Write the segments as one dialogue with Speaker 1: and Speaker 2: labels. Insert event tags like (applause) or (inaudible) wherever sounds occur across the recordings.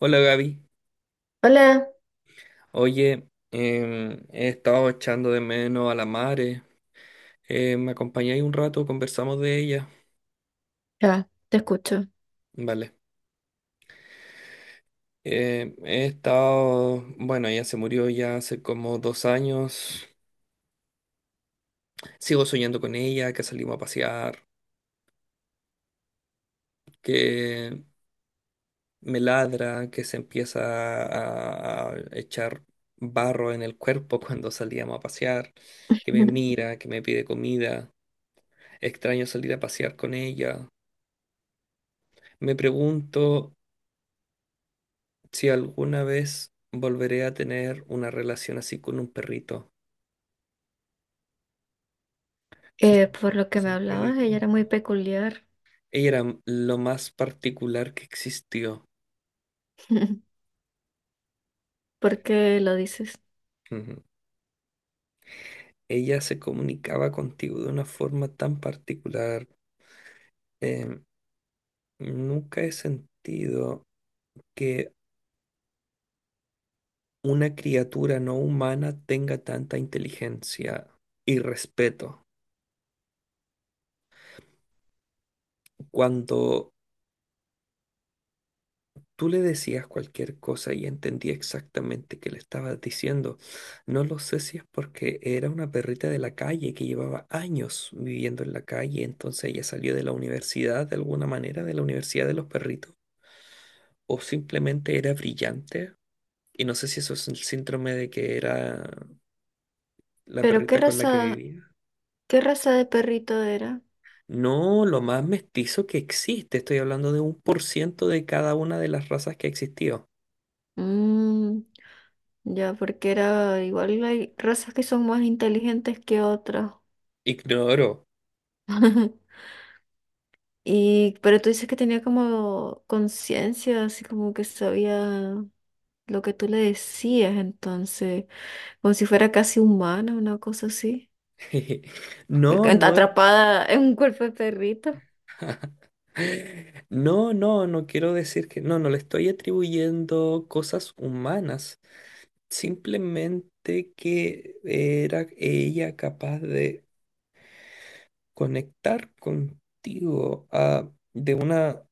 Speaker 1: Hola Gaby,
Speaker 2: Hola,
Speaker 1: oye, he estado echando de menos a la Mare. ¿Me acompañáis un rato? Conversamos de ella.
Speaker 2: ya, te escucho.
Speaker 1: Vale. He estado, bueno, ella se murió ya hace como 2 años. Sigo soñando con ella, que salimos a pasear, que me ladra, que se empieza a echar barro en el cuerpo (laughs) cuando salíamos a pasear, que me
Speaker 2: (laughs)
Speaker 1: mira, que me pide comida. Extraño salir a pasear con ella. Me pregunto si alguna vez volveré a tener una relación así con un perrito. Se, sen-
Speaker 2: Por lo
Speaker 1: se
Speaker 2: que me
Speaker 1: sentía
Speaker 2: hablabas, ella era muy
Speaker 1: distinto.
Speaker 2: peculiar.
Speaker 1: Ella era lo más particular que existió.
Speaker 2: (laughs) ¿Por qué lo dices?
Speaker 1: Ujú. Ella se comunicaba contigo de una forma tan particular. Em, nunca he sentido que una criatura no humana tenga tanta inteligencia y respeto. Cuando tú le decías cualquier cosa y entendía exactamente qué le estabas diciendo. No lo sé si es porque era una perrita de la calle que llevaba años viviendo en la calle, entonces ella salió de la universidad de alguna manera, de la universidad de los perritos, o simplemente era brillante. Y no sé si eso es el síndrome de que era la
Speaker 2: Pero
Speaker 1: perrita con la que vivía.
Speaker 2: qué raza de perrito era?
Speaker 1: No, lo más mestizo que existe. Estoy hablando de un por ciento de cada una de las razas que existió.
Speaker 2: Mm, ya, porque era igual hay razas que son más inteligentes que otras.
Speaker 1: Ignoro.
Speaker 2: (laughs) Y, pero tú dices que tenía como conciencia, así como que sabía lo que tú le decías, entonces, como si fuera casi humana, una cosa así.
Speaker 1: (laughs) No, no es.
Speaker 2: Atrapada en un cuerpo de perrito.
Speaker 1: (laughs) No, no, no quiero decir que no, no le estoy atribuyendo cosas humanas, simplemente que era ella capaz de conectar contigo de una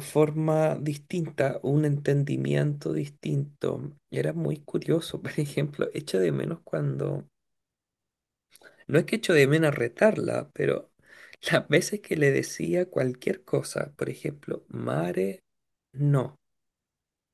Speaker 1: forma distinta, un entendimiento distinto. Era muy curioso, (laughs) por ejemplo, echo de menos cuando no es que echo de menos retarla, pero (laughs) las veces que le decía cualquier cosa, por ejemplo, mare, no,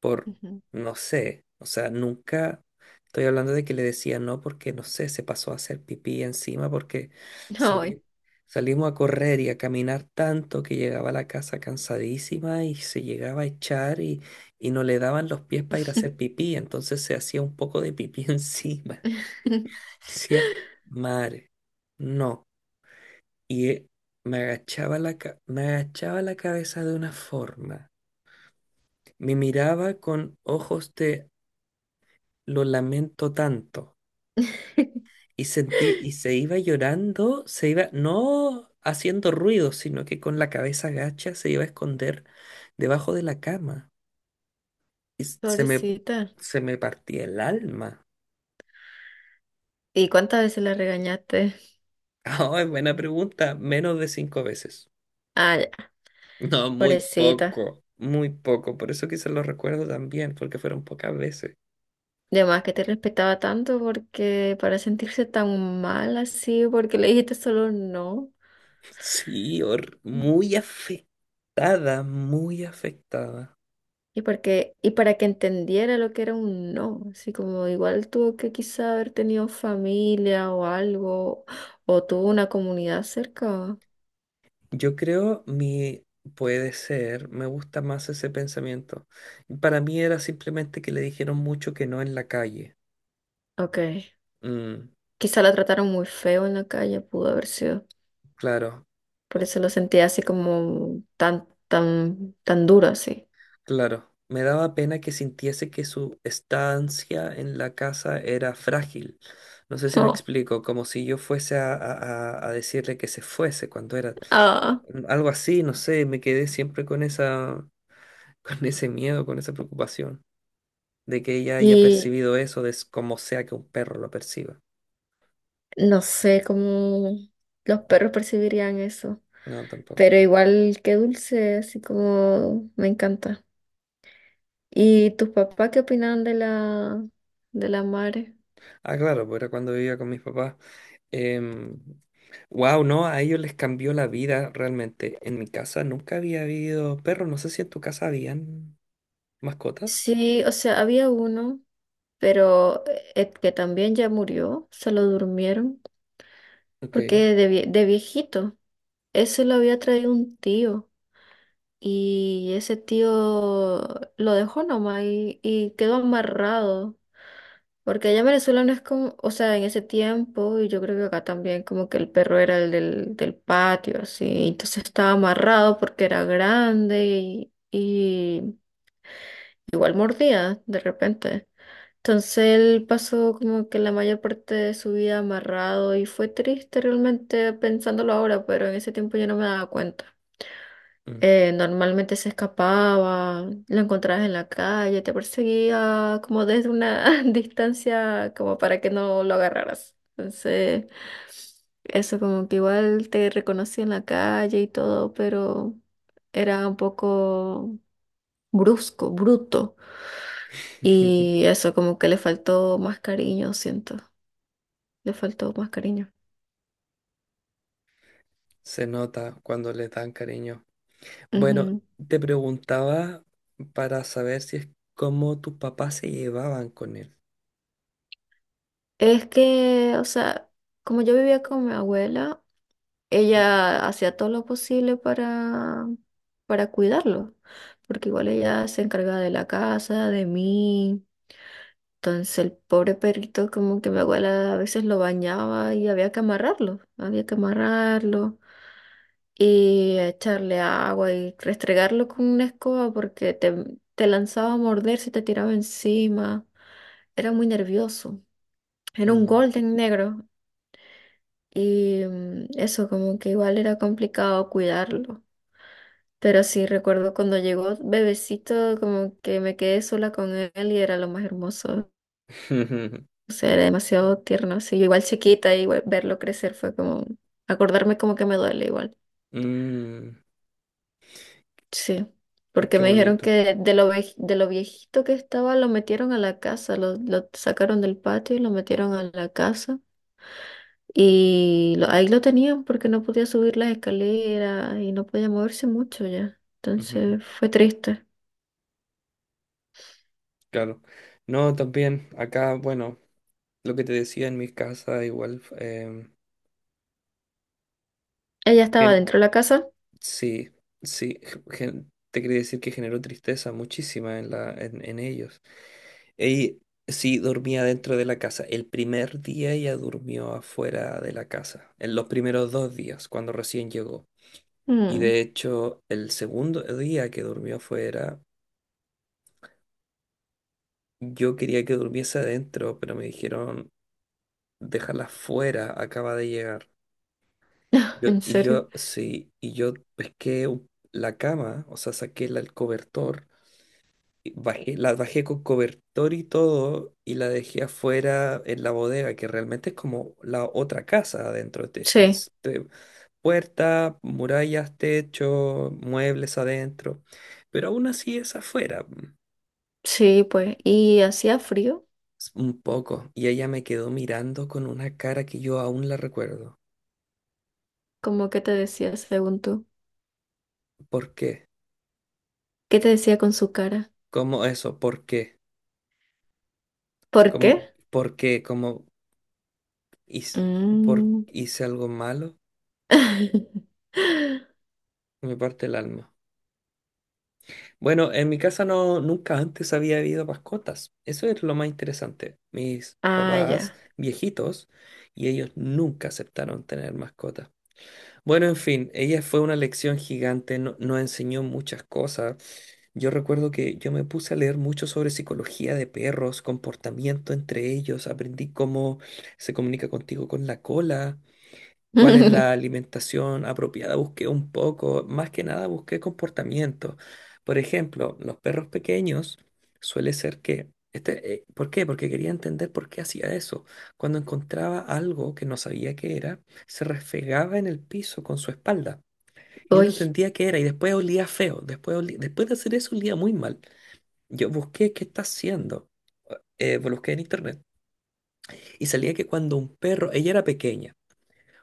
Speaker 1: por
Speaker 2: Ujú.
Speaker 1: no sé, o sea, nunca estoy hablando de que le decía no porque no sé, se pasó a hacer pipí encima porque
Speaker 2: Ay.
Speaker 1: salí- salimos a correr y a caminar tanto que llegaba a la casa cansadísima y se llegaba a echar y no le daban los pies para ir a hacer pipí, entonces se hacía un poco de pipí (laughs) encima.
Speaker 2: (laughs)
Speaker 1: Decía, mare, no, y me agachaba la, me agachaba la cabeza de una forma. Me miraba con ojos de lo lamento tanto. Y sentí, y se iba llorando, se iba, no haciendo ruido, sino que con la cabeza agacha se iba a esconder debajo de la cama. Y
Speaker 2: Pobrecita.
Speaker 1: se me partía el alma. (laughs)
Speaker 2: ¿Y cuántas veces la regañaste?
Speaker 1: Ah, es buena pregunta. Menos de 5 veces.
Speaker 2: Ah, ya,
Speaker 1: No, muy
Speaker 2: pobrecita.
Speaker 1: poco, muy poco. Por eso quizás lo recuerdo también, porque fueron pocas veces.
Speaker 2: De más que te respetaba tanto porque para sentirse tan mal así, porque le dijiste solo no.
Speaker 1: Sí,
Speaker 2: Mm.
Speaker 1: muy afectada, muy afectada.
Speaker 2: Y porque, y para que entendiera lo que era un no, así como igual tuvo que quizá haber tenido familia o algo, o tuvo una comunidad cerca.
Speaker 1: Yo creo mi puede ser, me gusta más ese pensamiento. Para mí era simplemente que le dijeron mucho que no en la calle.
Speaker 2: Ok.
Speaker 1: Mm,
Speaker 2: Quizá la trataron muy feo en la calle, pudo haber sido.
Speaker 1: claro,
Speaker 2: Por
Speaker 1: o-
Speaker 2: eso lo sentí así como tan, tan, tan duro así. (laughs)
Speaker 1: claro. Me daba pena que sintiese que su estancia en la casa era frágil. No sé si me
Speaker 2: No.
Speaker 1: explico, como si yo fuese a, a decirle que se fuese cuando era
Speaker 2: Ah.
Speaker 1: algo así, no sé, me quedé siempre con esa. Con ese miedo, con esa preocupación de que ella haya
Speaker 2: Y
Speaker 1: percibido eso de como sea que un perro lo perciba.
Speaker 2: no sé cómo los perros percibirían eso.
Speaker 1: No, tampoco.
Speaker 2: Pero igual que dulce, así como me encanta. ¿Y tus papás qué opinaban de la madre?
Speaker 1: Ah, claro, pues era cuando vivía con mis papás. Wow, no, a ellos les cambió la vida realmente. En mi casa nunca había habido perros. No sé si en tu casa habían mascotas.
Speaker 2: Sí, o sea, había uno, pero que también ya murió, se lo durmieron,
Speaker 1: Ok.
Speaker 2: porque de, de viejito, eso lo había traído un tío. Y ese tío lo dejó nomás y quedó amarrado. Porque allá en Venezuela no es como, o sea, en ese tiempo, y yo creo que acá también, como que el perro era del patio, así. Entonces estaba amarrado porque era grande y igual mordía de repente. Entonces él pasó como que la mayor parte de su vida amarrado y fue triste realmente pensándolo ahora, pero en ese tiempo yo no me daba cuenta.
Speaker 1: Mm.
Speaker 2: Normalmente se escapaba, lo encontrabas en la calle, te perseguía como desde una (laughs) distancia como para que no lo agarraras. Entonces, eso como que igual te reconocía en la calle y todo, pero era un poco brusco, bruto.
Speaker 1: (laughs)
Speaker 2: Y eso como que le faltó más cariño, siento, le faltó más cariño.
Speaker 1: Se nota cuando les dan cariño. Bueno,
Speaker 2: Ujú.
Speaker 1: te preguntaba para saber si es cómo tus papás se llevaban con él.
Speaker 2: Es que, o sea, como yo vivía con mi abuela, ella hacía todo lo posible para cuidarlo, porque igual ella se encargaba de la casa, de mí. Entonces el pobre perrito como que mi abuela a veces lo bañaba y había que amarrarlo y echarle agua y restregarlo con una escoba porque te lanzaba a morder si te tiraba encima. Era muy nervioso. Era un
Speaker 1: Mm.
Speaker 2: golden negro y mm, eso como que igual era complicado cuidarlo. Pero sí, recuerdo cuando llegó bebecito, como que me quedé sola con él y era lo más hermoso.
Speaker 1: (laughs)
Speaker 2: O sea, era demasiado tierno. Sí, yo igual chiquita, igual verlo crecer fue como, acordarme como que me duele igual.
Speaker 1: Mm,
Speaker 2: Sí, porque
Speaker 1: qué
Speaker 2: me dijeron
Speaker 1: bonito.
Speaker 2: que de lo, de lo viejito que estaba lo metieron a la casa, lo sacaron del patio y lo metieron a la casa. Y ahí lo tenían porque no podía subir las escaleras y no podía moverse mucho ya.
Speaker 1: Ujú,
Speaker 2: Entonces fue triste.
Speaker 1: claro. No, también acá, bueno, lo que te decía en mi casa, igual,
Speaker 2: Ella estaba
Speaker 1: gen-
Speaker 2: dentro de la casa.
Speaker 1: sí, sí, te quería decir que generó tristeza muchísima en la, en ellos. Y sí, dormía dentro de la casa. El primer día ella durmió afuera de la casa, en los primeros 2 días, cuando recién llegó. Y
Speaker 2: Mm.
Speaker 1: de hecho, el segundo día que durmió afuera, yo quería que durmiese adentro, pero me dijeron déjala fuera, acaba de llegar. Yo,
Speaker 2: ¿En
Speaker 1: y
Speaker 2: serio?
Speaker 1: yo, sí, y yo pesqué la cama, o sea, saqué el cobertor, y bajé, la bajé con cobertor y todo, y la dejé afuera en la bodega, que realmente es como la otra casa adentro.
Speaker 2: Sí,
Speaker 1: Puerta, murallas, techo, muebles adentro, pero aún así es afuera,
Speaker 2: sí, pues. ¿Y hacía frío?
Speaker 1: un poco. Y ella me quedó mirando con una cara que yo aún la recuerdo.
Speaker 2: ¿Cómo que te decía según tú?
Speaker 1: ¿Por qué?
Speaker 2: ¿Qué te decía con su cara?
Speaker 1: ¿Cómo eso? ¿Por qué?
Speaker 2: ¿Por
Speaker 1: Como,
Speaker 2: qué?
Speaker 1: porque como hice, por,
Speaker 2: Mm.
Speaker 1: hice algo malo,
Speaker 2: (laughs)
Speaker 1: me parte el alma. Bueno, en mi casa no, nunca antes había habido mascotas. Eso es lo más interesante. Mis
Speaker 2: Ah,
Speaker 1: papás
Speaker 2: ya.
Speaker 1: viejitos y ellos nunca aceptaron tener mascotas. Bueno, en fin, ella fue una lección gigante, nos enseñó muchas cosas. Yo recuerdo que yo me puse a leer mucho sobre psicología de perros, comportamiento entre ellos, aprendí cómo se comunica contigo con la cola, cuál es la
Speaker 2: (laughs)
Speaker 1: alimentación apropiada. Busqué un poco, más que nada busqué comportamiento. Por ejemplo, los perros pequeños suele ser que... Este, ¿por qué? Porque quería entender por qué hacía eso. Cuando encontraba algo que no sabía qué era, se refregaba en el piso con su espalda. Yo no
Speaker 2: Uy.
Speaker 1: entendía qué era y después olía feo. Después, después de hacer eso olía muy mal. Yo busqué qué está haciendo. Busqué en internet y salía que cuando un perro, ella era pequeña,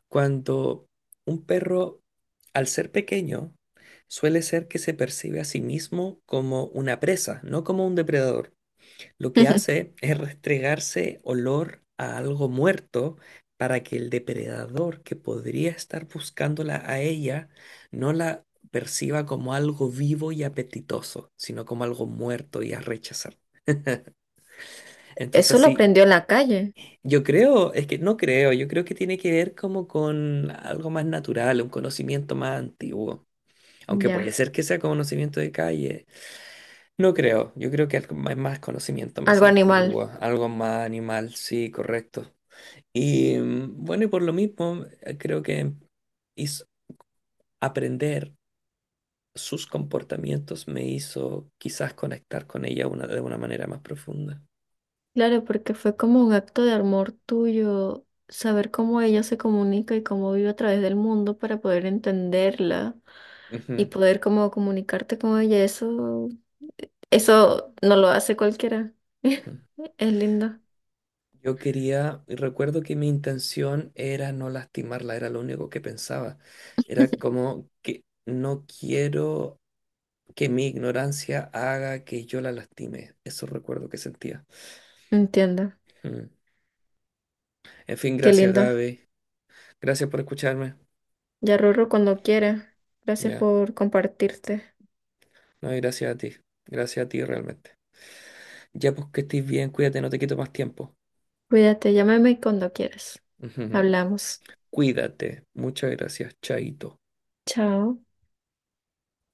Speaker 1: cuando un perro, al ser pequeño, suele ser que se percibe a sí mismo como una presa, no como un depredador. Lo que
Speaker 2: (laughs)
Speaker 1: hace es restregarse olor a algo muerto para que el depredador que podría estar buscándola a ella no la perciba como algo vivo y apetitoso, sino como algo muerto y a rechazar. Entonces,
Speaker 2: Eso lo
Speaker 1: sí.
Speaker 2: aprendió en la calle.
Speaker 1: Yo creo, es que no creo, yo creo que tiene que ver como con algo más natural, un conocimiento más antiguo. Aunque puede
Speaker 2: Ya.
Speaker 1: ser que sea conocimiento de calle. No creo, yo creo que algo más, más conocimiento más
Speaker 2: Algo animal.
Speaker 1: antiguo, algo más animal, sí, correcto. Y bueno, y por lo mismo, creo que hizo- aprender sus comportamientos me hizo quizás conectar con ella una, de una manera más profunda.
Speaker 2: Claro, porque fue como un acto de amor tuyo, saber cómo ella se comunica y cómo vive a través del mundo para poder entenderla y
Speaker 1: Ujú,
Speaker 2: poder como comunicarte con ella. Eso. Eso no lo hace cualquiera.
Speaker 1: ujú.
Speaker 2: (laughs) Es lindo.
Speaker 1: Yo quería, y recuerdo que mi intención era no lastimarla, era lo único que pensaba. Era como que no quiero que mi ignorancia haga que yo la lastime. Eso recuerdo que sentía.
Speaker 2: Entiendo.
Speaker 1: Mm. En fin,
Speaker 2: Qué
Speaker 1: gracias
Speaker 2: lindo.
Speaker 1: Gaby. Gracias por escucharme.
Speaker 2: Ya Rorro cuando quiera. Gracias
Speaker 1: Ya.
Speaker 2: por compartirte.
Speaker 1: No, y gracias a ti. Gracias a ti realmente. Ya pues que estés bien, cuídate, no te quito más tiempo.
Speaker 2: Cuídate, llámame cuando quieras.
Speaker 1: (laughs)
Speaker 2: Hablamos.
Speaker 1: Cuídate. Muchas gracias, Chaito.
Speaker 2: Chao.